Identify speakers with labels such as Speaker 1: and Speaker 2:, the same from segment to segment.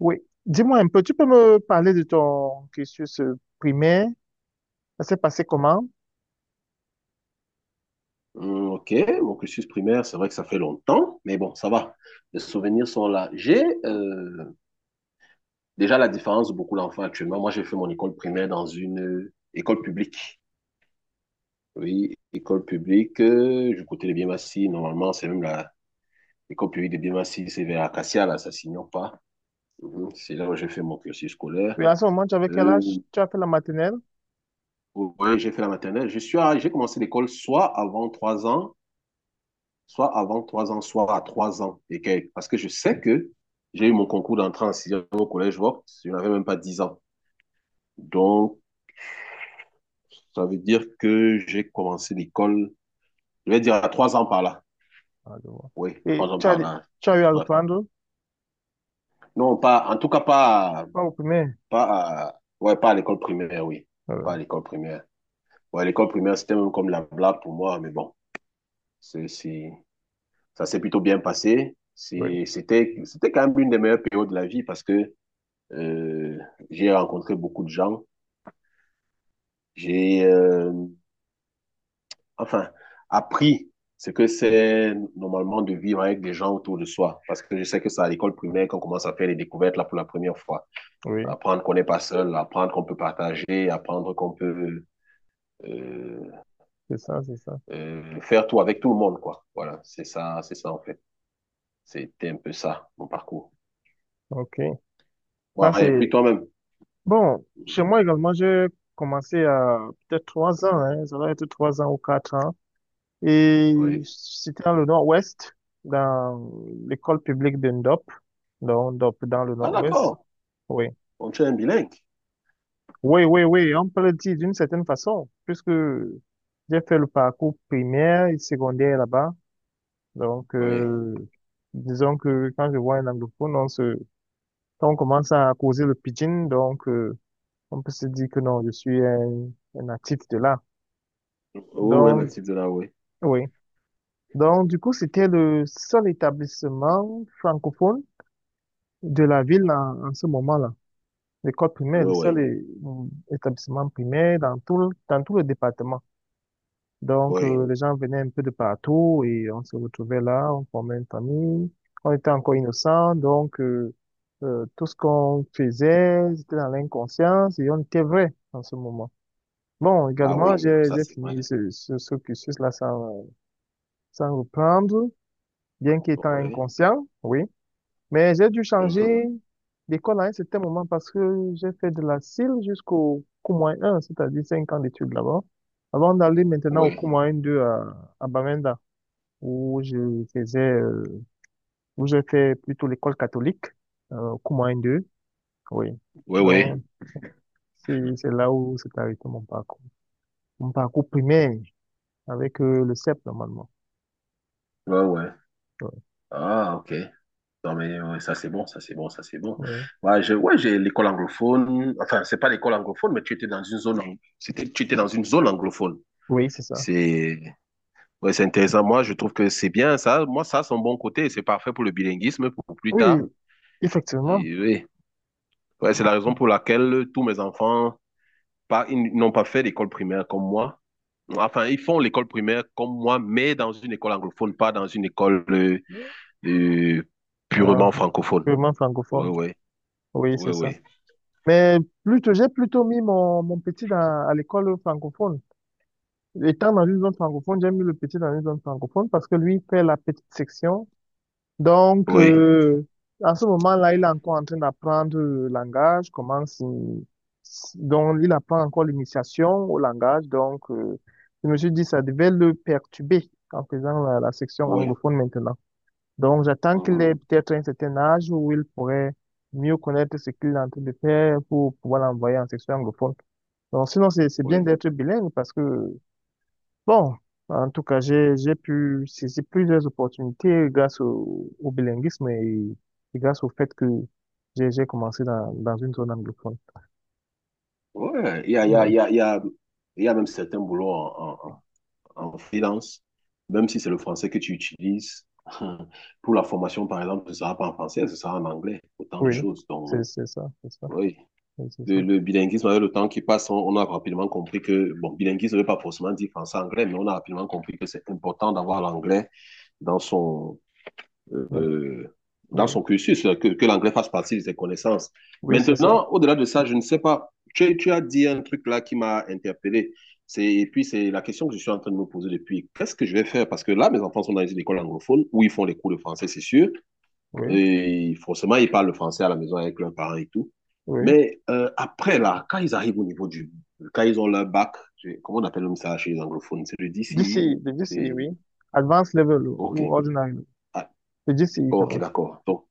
Speaker 1: Oui. Dis-moi un peu, tu peux me parler de ton cursus primaire? Ça s'est passé comment?
Speaker 2: Ok, mon cursus primaire, c'est vrai que ça fait longtemps, mais bon, ça va. Les souvenirs sont là. J'ai déjà la différence de beaucoup d'enfants actuellement. Moi, j'ai fait mon école primaire dans une école publique. Oui, école publique du côté de Biémassi. Normalement, c'est même la l'école publique de Biémassi, c'est vers Acacia, là, ça s'ignore pas. Mhm. C'est là où j'ai fait mon cursus scolaire.
Speaker 1: Oui, à ce moment, tu avais quel âge?
Speaker 2: Euh,
Speaker 1: Tu as fait la maternelle?
Speaker 2: ouais, j'ai fait la maternelle. J'ai commencé l'école soit avant trois ans, soit à 3 ans et quelques. Parce que je sais que j'ai eu mon concours d'entrée en sixième au collège Vaux, je n'avais même pas 10 ans. Donc, ça veut dire que j'ai commencé l'école, je vais dire à 3 ans par là.
Speaker 1: Ah, je vois.
Speaker 2: Oui, trois
Speaker 1: Et
Speaker 2: ans
Speaker 1: tu as,
Speaker 2: par là.
Speaker 1: tu as eu à
Speaker 2: Ouais.
Speaker 1: reprendre?
Speaker 2: Non, pas, en tout cas, pas,
Speaker 1: Pas au primaire?
Speaker 2: pas, ouais, pas à l'école primaire, oui.
Speaker 1: Ah
Speaker 2: Pas
Speaker 1: ouais.
Speaker 2: à l'école primaire. Ouais, l'école primaire, c'était même comme la blague pour moi, mais bon, c'est, c'est- ça s'est plutôt bien passé.
Speaker 1: Oui,
Speaker 2: C'était quand même une des meilleures périodes de la vie, parce que Euh, j'ai rencontré beaucoup de gens. J'ai, enfin, appris ce que c'est normalement de vivre avec des gens autour de soi. Parce que je sais que c'est à l'école primaire qu'on commence à faire les découvertes là pour la première fois.
Speaker 1: oui,
Speaker 2: Apprendre qu'on n'est pas seul, apprendre qu'on peut partager, apprendre qu'on peut euh,
Speaker 1: c'est ça, c'est ça.
Speaker 2: faire tout avec tout le monde, quoi. Voilà, c'est ça en fait. C'était un peu ça, mon parcours.
Speaker 1: OK. Ça,
Speaker 2: Bon, et
Speaker 1: c'est.
Speaker 2: puis toi-même.
Speaker 1: Bon, chez moi également, j'ai commencé à peut-être 3 ans, hein, ça doit être 3 ans ou 4 ans. Et
Speaker 2: Oui.
Speaker 1: c'était dans le nord-ouest, dans l'école publique de Ndop, donc Ndop dans le
Speaker 2: Ah
Speaker 1: nord-ouest.
Speaker 2: d'accord,
Speaker 1: Oui.
Speaker 2: on tu es un bilingue.
Speaker 1: Oui, oui, oui, on peut le dire d'une certaine façon, puisque j'ai fait le parcours primaire et secondaire là-bas. Donc,
Speaker 2: Oui.
Speaker 1: disons que quand je vois un anglophone, on se, quand on commence à causer le pidgin, donc, on peut se dire que non, je suis un natif de là.
Speaker 2: Oui, oui,
Speaker 1: Donc,
Speaker 2: natif de là, oui.
Speaker 1: oui. Donc, du coup, c'était le seul établissement francophone de la ville en ce moment-là. L'école primaire,
Speaker 2: Oui, oui,
Speaker 1: établissement primaire dans tout, dans tout le département. Donc,
Speaker 2: oui.
Speaker 1: les gens venaient un peu de partout et on se retrouvait là, on formait une famille. On était encore innocents, donc tout ce qu'on faisait, c'était dans l'inconscience et on était vrai en ce moment. Bon,
Speaker 2: Ah
Speaker 1: également,
Speaker 2: oui,
Speaker 1: j'ai
Speaker 2: ça
Speaker 1: j'ai
Speaker 2: c'est vrai.
Speaker 1: fini ce cursus-là sans, sans reprendre, bien qu'étant
Speaker 2: Oui.
Speaker 1: inconscient, oui. Mais j'ai dû changer d'école à un certain moment parce que j'ai fait de la CIL jusqu'au Cours 1, c'est-à-dire 5 ans d'études là-bas, avant d'aller maintenant au
Speaker 2: Oui,
Speaker 1: Cours 2 à où je faisais, où j'ai fait plutôt l'école catholique, Coumans 2, oui.
Speaker 2: oui, oui,
Speaker 1: Donc, c'est là où s'est arrêté mon parcours. Mon parcours primaire avec le CEP, normalement.
Speaker 2: ouais, oui.
Speaker 1: Ouais,
Speaker 2: Ah, OK. Non, mais ouais, ça c'est bon, ça c'est bon, ça c'est bon.
Speaker 1: ouais.
Speaker 2: Ouais, j'ai l'école anglophone. Enfin, c'est pas l'école anglophone, mais tu étais dans une zone, ang- c'était, tu étais dans une zone anglophone.
Speaker 1: Oui, c'est ça.
Speaker 2: C'est, ouais, c'est intéressant. Moi, je trouve que c'est bien ça. Moi, ça, c'est un bon côté. C'est parfait pour le bilinguisme, pour plus
Speaker 1: Oui,
Speaker 2: tard.
Speaker 1: effectivement.
Speaker 2: Et oui. Ouais, c'est la raison pour laquelle tous mes enfants, pas, ils n'ont pas fait l'école primaire comme moi. Enfin, ils font l'école primaire comme moi, mais dans une école anglophone, pas dans une école euh,
Speaker 1: Euh,
Speaker 2: purement francophone.
Speaker 1: purement
Speaker 2: Oui,
Speaker 1: francophone.
Speaker 2: oui,
Speaker 1: Oui,
Speaker 2: oui,
Speaker 1: c'est ça.
Speaker 2: oui,
Speaker 1: Mais plutôt, j'ai plutôt mis mon petit dans, à l'école francophone. Étant dans une zone francophone, j'ai mis le petit dans une zone francophone parce que lui fait la petite section. Donc,
Speaker 2: oui,
Speaker 1: à ce moment-là, il est encore en train d'apprendre le langage, comment donc il apprend encore l'initiation au langage. Donc, je me suis dit, ça devait le perturber en faisant la section
Speaker 2: oui,
Speaker 1: anglophone maintenant. Donc, j'attends qu'il ait
Speaker 2: mhm,
Speaker 1: peut-être un certain âge où il pourrait mieux connaître ce qu'il est en train de faire pour pouvoir l'envoyer en section anglophone. Donc, sinon, c'est bien
Speaker 2: oui.
Speaker 1: d'être bilingue parce que bon, en tout cas, j'ai pu saisir plusieurs opportunités grâce au bilinguisme et grâce au fait que j'ai commencé dans une zone anglophone.
Speaker 2: Ouais,
Speaker 1: Ouais.
Speaker 2: il y a même certains boulots en freelance, même si c'est le français que tu utilises. Pour la formation, par exemple, ce ne sera pas en français, ce sera en anglais, autant de
Speaker 1: Oui,
Speaker 2: choses.
Speaker 1: c'est,
Speaker 2: Donc,
Speaker 1: c'est ça,
Speaker 2: oui.
Speaker 1: c'est ça.
Speaker 2: Le bilinguisme, avec le temps qui passe, on a rapidement compris que, bon, bilinguisme ne veut pas forcément dire français-anglais, mais on a rapidement compris que c'est important d'avoir l'anglais dans son,
Speaker 1: Euh,
Speaker 2: euh, dans
Speaker 1: Oui,
Speaker 2: son cursus, que l'anglais fasse partie de ses connaissances.
Speaker 1: oui, c'est ça,
Speaker 2: Maintenant, au-delà de ça, je ne sais pas, tu as dit un truc là qui m'a interpellé. Et puis, c'est la question que je suis en train de me poser depuis. Qu'est-ce que je vais faire? Parce que là, mes enfants sont dans une école anglophone où ils font les cours de français, c'est sûr.
Speaker 1: oui,
Speaker 2: Et forcément, ils parlent le français à la maison avec leurs parents et tout.
Speaker 1: oui.
Speaker 2: Mais après, là, quand ils arrivent au niveau du... Quand ils ont leur bac, comment on appelle ça chez les anglophones? C'est le DCI.
Speaker 1: GCE, le GCE,
Speaker 2: C'est
Speaker 1: oui. Advanced level
Speaker 2: OK.
Speaker 1: ou ordinary,
Speaker 2: Ah,
Speaker 1: le GCE quand
Speaker 2: OK,
Speaker 1: même.
Speaker 2: d'accord. Donc,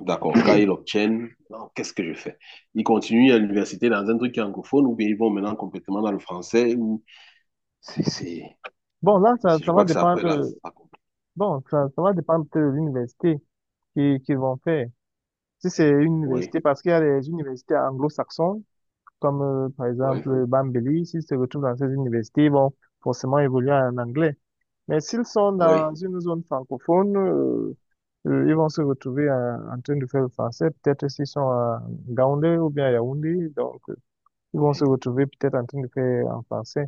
Speaker 2: d'accord. Quand ils l'obtiennent, non, qu'est-ce que je fais? Ils continuent à l'université dans un truc qui est anglophone ou bien ils vont maintenant complètement dans le français ou... C'est... c'est-
Speaker 1: Bon, là, ça,
Speaker 2: Je
Speaker 1: ça va
Speaker 2: crois que c'est après, là.
Speaker 1: dépendre,
Speaker 2: Ça complique.
Speaker 1: bon, ça va dépendre de l'université qui vont faire. Si c'est une
Speaker 2: Oui,
Speaker 1: université, parce qu'il y a des universités anglo-saxons, comme par
Speaker 2: oui,
Speaker 1: exemple Bambéli, s'ils se retrouvent dans ces universités, ils vont forcément évoluer en anglais. Mais s'ils sont
Speaker 2: oui,
Speaker 1: dans une zone francophone, ils vont se retrouver train de faire le français, peut-être s'ils sont à Yaoundé ou bien à Yaoundé, donc ils vont se
Speaker 2: oui.
Speaker 1: retrouver peut-être en train de faire en français.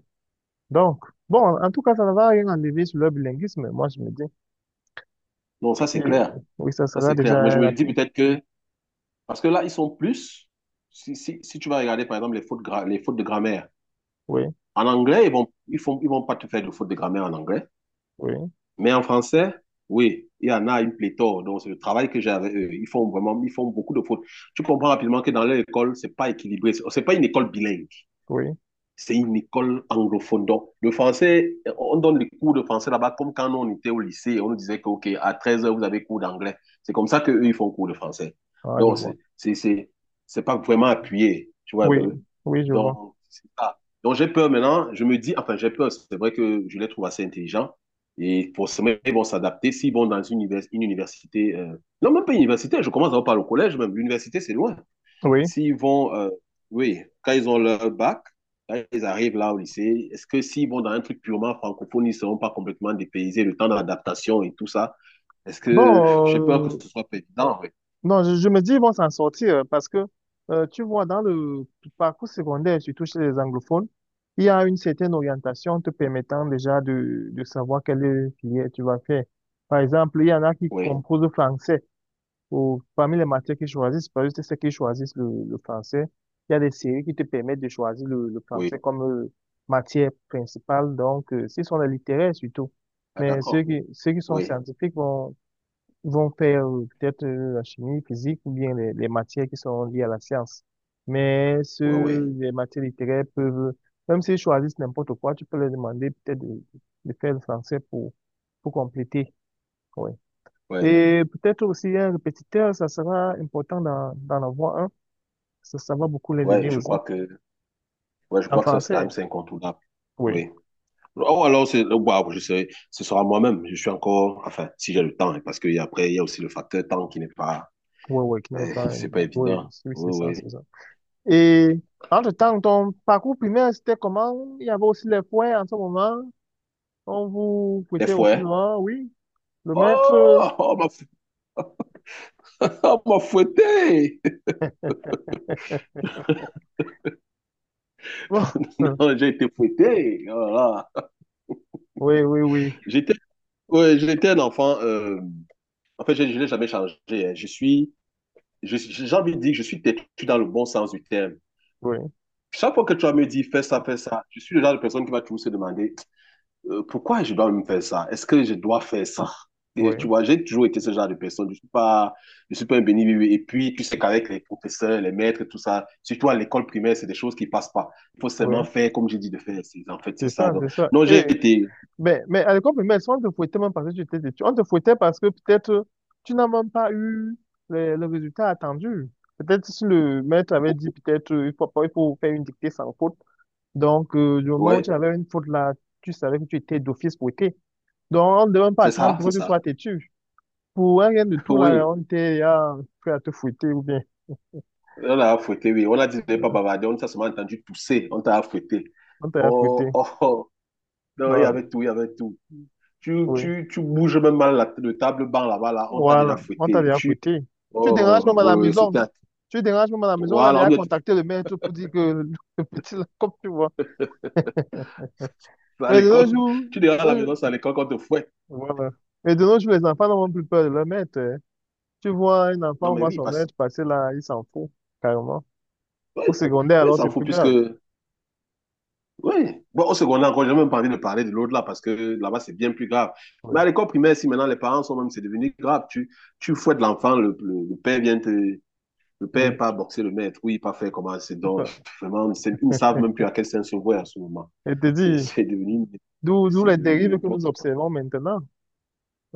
Speaker 1: Donc, bon, en tout cas, ça ne va rien enlever sur le bilinguisme, moi je me dis.
Speaker 2: Non, ça,
Speaker 1: Oui,
Speaker 2: c'est clair.
Speaker 1: oui, ça
Speaker 2: Ça,
Speaker 1: sera
Speaker 2: c'est
Speaker 1: déjà
Speaker 2: clair. Mais je
Speaker 1: un
Speaker 2: me dis
Speaker 1: acquis.
Speaker 2: peut-être que parce que là, ils sont plus. Si tu vas regarder, par exemple, les fautes de grammaire.
Speaker 1: Oui,
Speaker 2: En anglais, ils vont pas te faire de fautes de grammaire en anglais.
Speaker 1: oui,
Speaker 2: Mais en français, oui, il y en a une pléthore. Donc, c'est le travail que j'ai avec eux. Ils font vraiment, ils font beaucoup de fautes. Tu comprends rapidement que dans leur école, c'est pas équilibré. C'est pas une école bilingue.
Speaker 1: oui,
Speaker 2: C'est une école anglophone. Donc, le français, on donne les cours de français là-bas comme quand on était au lycée, on nous disait que, OK, à 13h, vous avez cours d'anglais. C'est comme ça qu'eux, ils font cours de français.
Speaker 1: ah, je
Speaker 2: Donc,
Speaker 1: vois.
Speaker 2: c'est pas vraiment appuyé, tu vois un
Speaker 1: Oui,
Speaker 2: peu.
Speaker 1: oui, je vois.
Speaker 2: Donc, c'est ça. Donc, j'ai peur maintenant. Je me dis, enfin, j'ai peur. C'est vrai que je les trouve assez intelligents. Et forcément, ils vont s'adapter s'ils vont dans une université. Non, même pas une université. Je commence à en parler au collège, même. L'université, c'est loin.
Speaker 1: Oui.
Speaker 2: S'ils vont, euh, oui, quand ils ont leur bac, quand ils arrivent là au lycée, est-ce que s'ils vont dans un truc purement francophone, ils ne seront pas complètement dépaysés, le temps d'adaptation et tout ça? Est-ce que j'ai peur que
Speaker 1: Bon, euh,
Speaker 2: ce soit pas évident? Oui,
Speaker 1: non, je me dis, ils vont s'en sortir parce que, tu vois, dans le parcours secondaire, surtout chez les anglophones, il y a une certaine orientation te permettant déjà de savoir quelle filière tu vas faire. Par exemple, il y en a qui
Speaker 2: oui,
Speaker 1: composent le français ou parmi les matières qu'ils choisissent, parce que c'est ceux qui choisissent le français. Il y a des séries qui te permettent de choisir le français
Speaker 2: oui.
Speaker 1: comme matière principale. Donc, ce sont les littéraires surtout.
Speaker 2: Ah,
Speaker 1: Mais ceux
Speaker 2: d'accord.
Speaker 1: qui, ceux qui sont
Speaker 2: Oui,
Speaker 1: scientifiques ils vont faire peut-être la chimie, physique ou bien les matières qui sont liées à la science. Mais
Speaker 2: oui, oui,
Speaker 1: ceux, les matières littéraires peuvent, même s'ils choisissent n'importe quoi, tu peux leur demander peut-être de faire le français pour compléter. Ouais.
Speaker 2: oui,
Speaker 1: Et peut-être aussi un répétiteur, ça sera important d'en avoir un. Ça va beaucoup les aider
Speaker 2: oui,
Speaker 1: aussi.
Speaker 2: je
Speaker 1: En
Speaker 2: crois que ça, c'est quand
Speaker 1: français,
Speaker 2: même, c'est incontournable.
Speaker 1: oui.
Speaker 2: Oui. Oh, alors, oh, bah, je sais, ce sera moi-même. Je suis encore, enfin, si j'ai le temps, hein, parce qu'après, il y a aussi le facteur temps qui n'est pas,
Speaker 1: Oui, oui, qui n'est pas.
Speaker 2: c'est pas
Speaker 1: Oui,
Speaker 2: évident.
Speaker 1: oui, c'est
Speaker 2: Oui,
Speaker 1: ça,
Speaker 2: oui.
Speaker 1: c'est ça. Et entre-temps, ton parcours primaire, c'était comment? Il y avait aussi les points en ce moment. On vous
Speaker 2: Des
Speaker 1: prêtait aussi
Speaker 2: fois,
Speaker 1: souvent, oui. Le maître,
Speaker 2: Oh, on m'a fouetté.
Speaker 1: bon,
Speaker 2: Non, j'ai été fouetté. Voilà.
Speaker 1: oui, oui, oui,
Speaker 2: J'étais Ouais, j'étais un enfant. En fait, je n'ai jamais changé, hein. J'ai envie de dire que je suis têtu dans le bon sens du terme.
Speaker 1: oui,
Speaker 2: Chaque fois que tu vas me dire fais ça, je suis le genre de personne qui va toujours se demander pourquoi je dois me faire ça? Est-ce que je dois faire ça? Et
Speaker 1: oui,
Speaker 2: tu vois, j'ai toujours été ce genre de personne. Je suis pas un béni, oui. Et puis, tu sais qu'avec les professeurs, les maîtres, tout ça, surtout à l'école primaire, c'est des choses qui passent pas. Il faut
Speaker 1: oui.
Speaker 2: seulement faire comme j'ai dit de faire. En fait, c'est
Speaker 1: C'est
Speaker 2: ça.
Speaker 1: ça,
Speaker 2: Donc,
Speaker 1: c'est ça.
Speaker 2: non, j'ai
Speaker 1: Et,
Speaker 2: été,
Speaker 1: mais à l'école primaire, si on te fouettait même parce que tu étais têtu. On te fouettait parce que peut-être tu n'as même pas eu le résultat attendu. Peut-être si le maître avait
Speaker 2: oh,
Speaker 1: dit, peut-être, il faut faire une dictée sans faute. Donc, du moment où tu
Speaker 2: ouais,
Speaker 1: avais une faute là, tu savais que tu étais d'office fouetté. Donc, on ne devait même pas
Speaker 2: c'est
Speaker 1: attendre
Speaker 2: ça,
Speaker 1: pour
Speaker 2: c'est
Speaker 1: que tu sois
Speaker 2: ça.
Speaker 1: têtu. Pour un rien de tout là,
Speaker 2: Oui,
Speaker 1: on était là, prêt à te fouetter ou bien.
Speaker 2: on a fouetté, oui. On a dit de ne pas
Speaker 1: euh,
Speaker 2: bavarder. On t'a seulement entendu tousser. On t'a fouetté.
Speaker 1: On t'a bien fouetté.
Speaker 2: Oh, oh, oh. Non, il y
Speaker 1: Ouais,
Speaker 2: avait tout, il y avait tout. Tu,
Speaker 1: oui.
Speaker 2: tu, tu bouges même mal la, le table banc là-bas, là, on t'a déjà
Speaker 1: Voilà, on t'a
Speaker 2: fouetté.
Speaker 1: bien fouetté. Tu déranges même
Speaker 2: Oh,
Speaker 1: à la
Speaker 2: oui, oui,
Speaker 1: maison.
Speaker 2: c'était à...
Speaker 1: Tu déranges même à la maison. On a
Speaker 2: Voilà, ou
Speaker 1: déjà
Speaker 2: bien
Speaker 1: contacté le maître pour dire que le petit, là, comme tu vois.
Speaker 2: vas à
Speaker 1: Mais de nos
Speaker 2: l'école.
Speaker 1: jours,
Speaker 2: Tu diras
Speaker 1: de
Speaker 2: à la maison,
Speaker 1: nos-
Speaker 2: c'est à l'école qu'on te fouette.
Speaker 1: voilà. Mais de nos jours, les enfants n'ont même plus peur de leur maître, hein. Tu vois un
Speaker 2: Non,
Speaker 1: enfant, on
Speaker 2: mais
Speaker 1: voit
Speaker 2: oui,
Speaker 1: son
Speaker 2: parce que...
Speaker 1: maître passer là, il s'en fout, carrément.
Speaker 2: Oui,
Speaker 1: Au secondaire,
Speaker 2: oui,
Speaker 1: alors,
Speaker 2: ça
Speaker 1: c'est
Speaker 2: fout
Speaker 1: plus
Speaker 2: puisque...
Speaker 1: grave.
Speaker 2: Oui. Bon, au secondaire, encore, j'ai même pas envie de parler de l'autre là, parce que là-bas, c'est bien plus grave. Mais
Speaker 1: Oui,
Speaker 2: à l'école primaire, si maintenant les parents sont même, c'est devenu grave. Tu fouettes l'enfant, le père vient te... Le
Speaker 1: oui,
Speaker 2: père pas boxer le maître, oui, pas faire comment c'est
Speaker 1: c'est
Speaker 2: donc
Speaker 1: ça.
Speaker 2: vraiment, ils ne savent même plus à quel saint se vouer à ce moment.
Speaker 1: Et te
Speaker 2: C'est
Speaker 1: dis,
Speaker 2: c'est devenu,
Speaker 1: d'où
Speaker 2: c'est
Speaker 1: les
Speaker 2: devenu
Speaker 1: dérives que nous
Speaker 2: n'importe quoi.
Speaker 1: observons maintenant.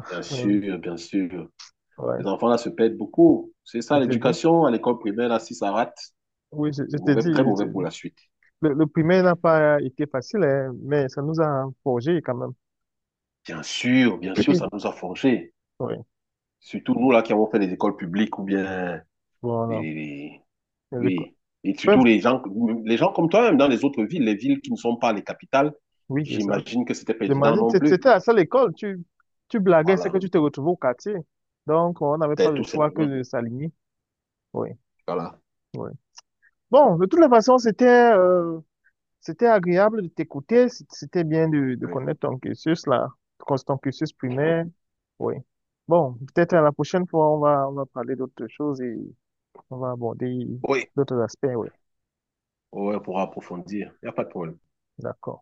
Speaker 2: Bien
Speaker 1: Euh,
Speaker 2: sûr, bien sûr. Ces
Speaker 1: ouais,
Speaker 2: enfants-là se perdent beaucoup. C'est ça,
Speaker 1: je te dis.
Speaker 2: l'éducation à l'école primaire, là, si ça rate,
Speaker 1: Oui, je
Speaker 2: c'est
Speaker 1: te dis.
Speaker 2: mauvais, très mauvais pour la suite.
Speaker 1: Le primaire n'a pas été facile, hein, mais ça nous a forgé quand même.
Speaker 2: Bien sûr, ça nous a forgés.
Speaker 1: Oui,
Speaker 2: Surtout nous, là, qui avons fait les écoles publiques ou bien
Speaker 1: voilà.
Speaker 2: les,
Speaker 1: Et l'éco-
Speaker 2: oui. Et surtout
Speaker 1: Peuvent-
Speaker 2: les gens comme toi, même dans les autres villes, les villes qui ne sont pas les capitales,
Speaker 1: Oui, c'est ça.
Speaker 2: j'imagine que c'était pas évident
Speaker 1: J'imagine,
Speaker 2: non plus.
Speaker 1: c'était à ça l'école. Tu blaguais, c'est que
Speaker 2: Voilà.
Speaker 1: tu te retrouvais au quartier. Donc, on n'avait pas
Speaker 2: C'est
Speaker 1: le
Speaker 2: tout
Speaker 1: choix que
Speaker 2: simplement.
Speaker 1: de s'aligner. Oui,
Speaker 2: Voilà.
Speaker 1: oui. Bon, de toutes les façons, euh, c'était agréable de t'écouter. C'était bien de
Speaker 2: Oui.
Speaker 1: connaître ton cursus, là, ton cursus primaire. Oui. Bon, peut-être à la prochaine fois, on va parler d'autres choses et on va aborder
Speaker 2: Oui.
Speaker 1: d'autres aspects. Oui.
Speaker 2: Ouais, pour approfondir. Il n'y a pas de problème.
Speaker 1: D'accord.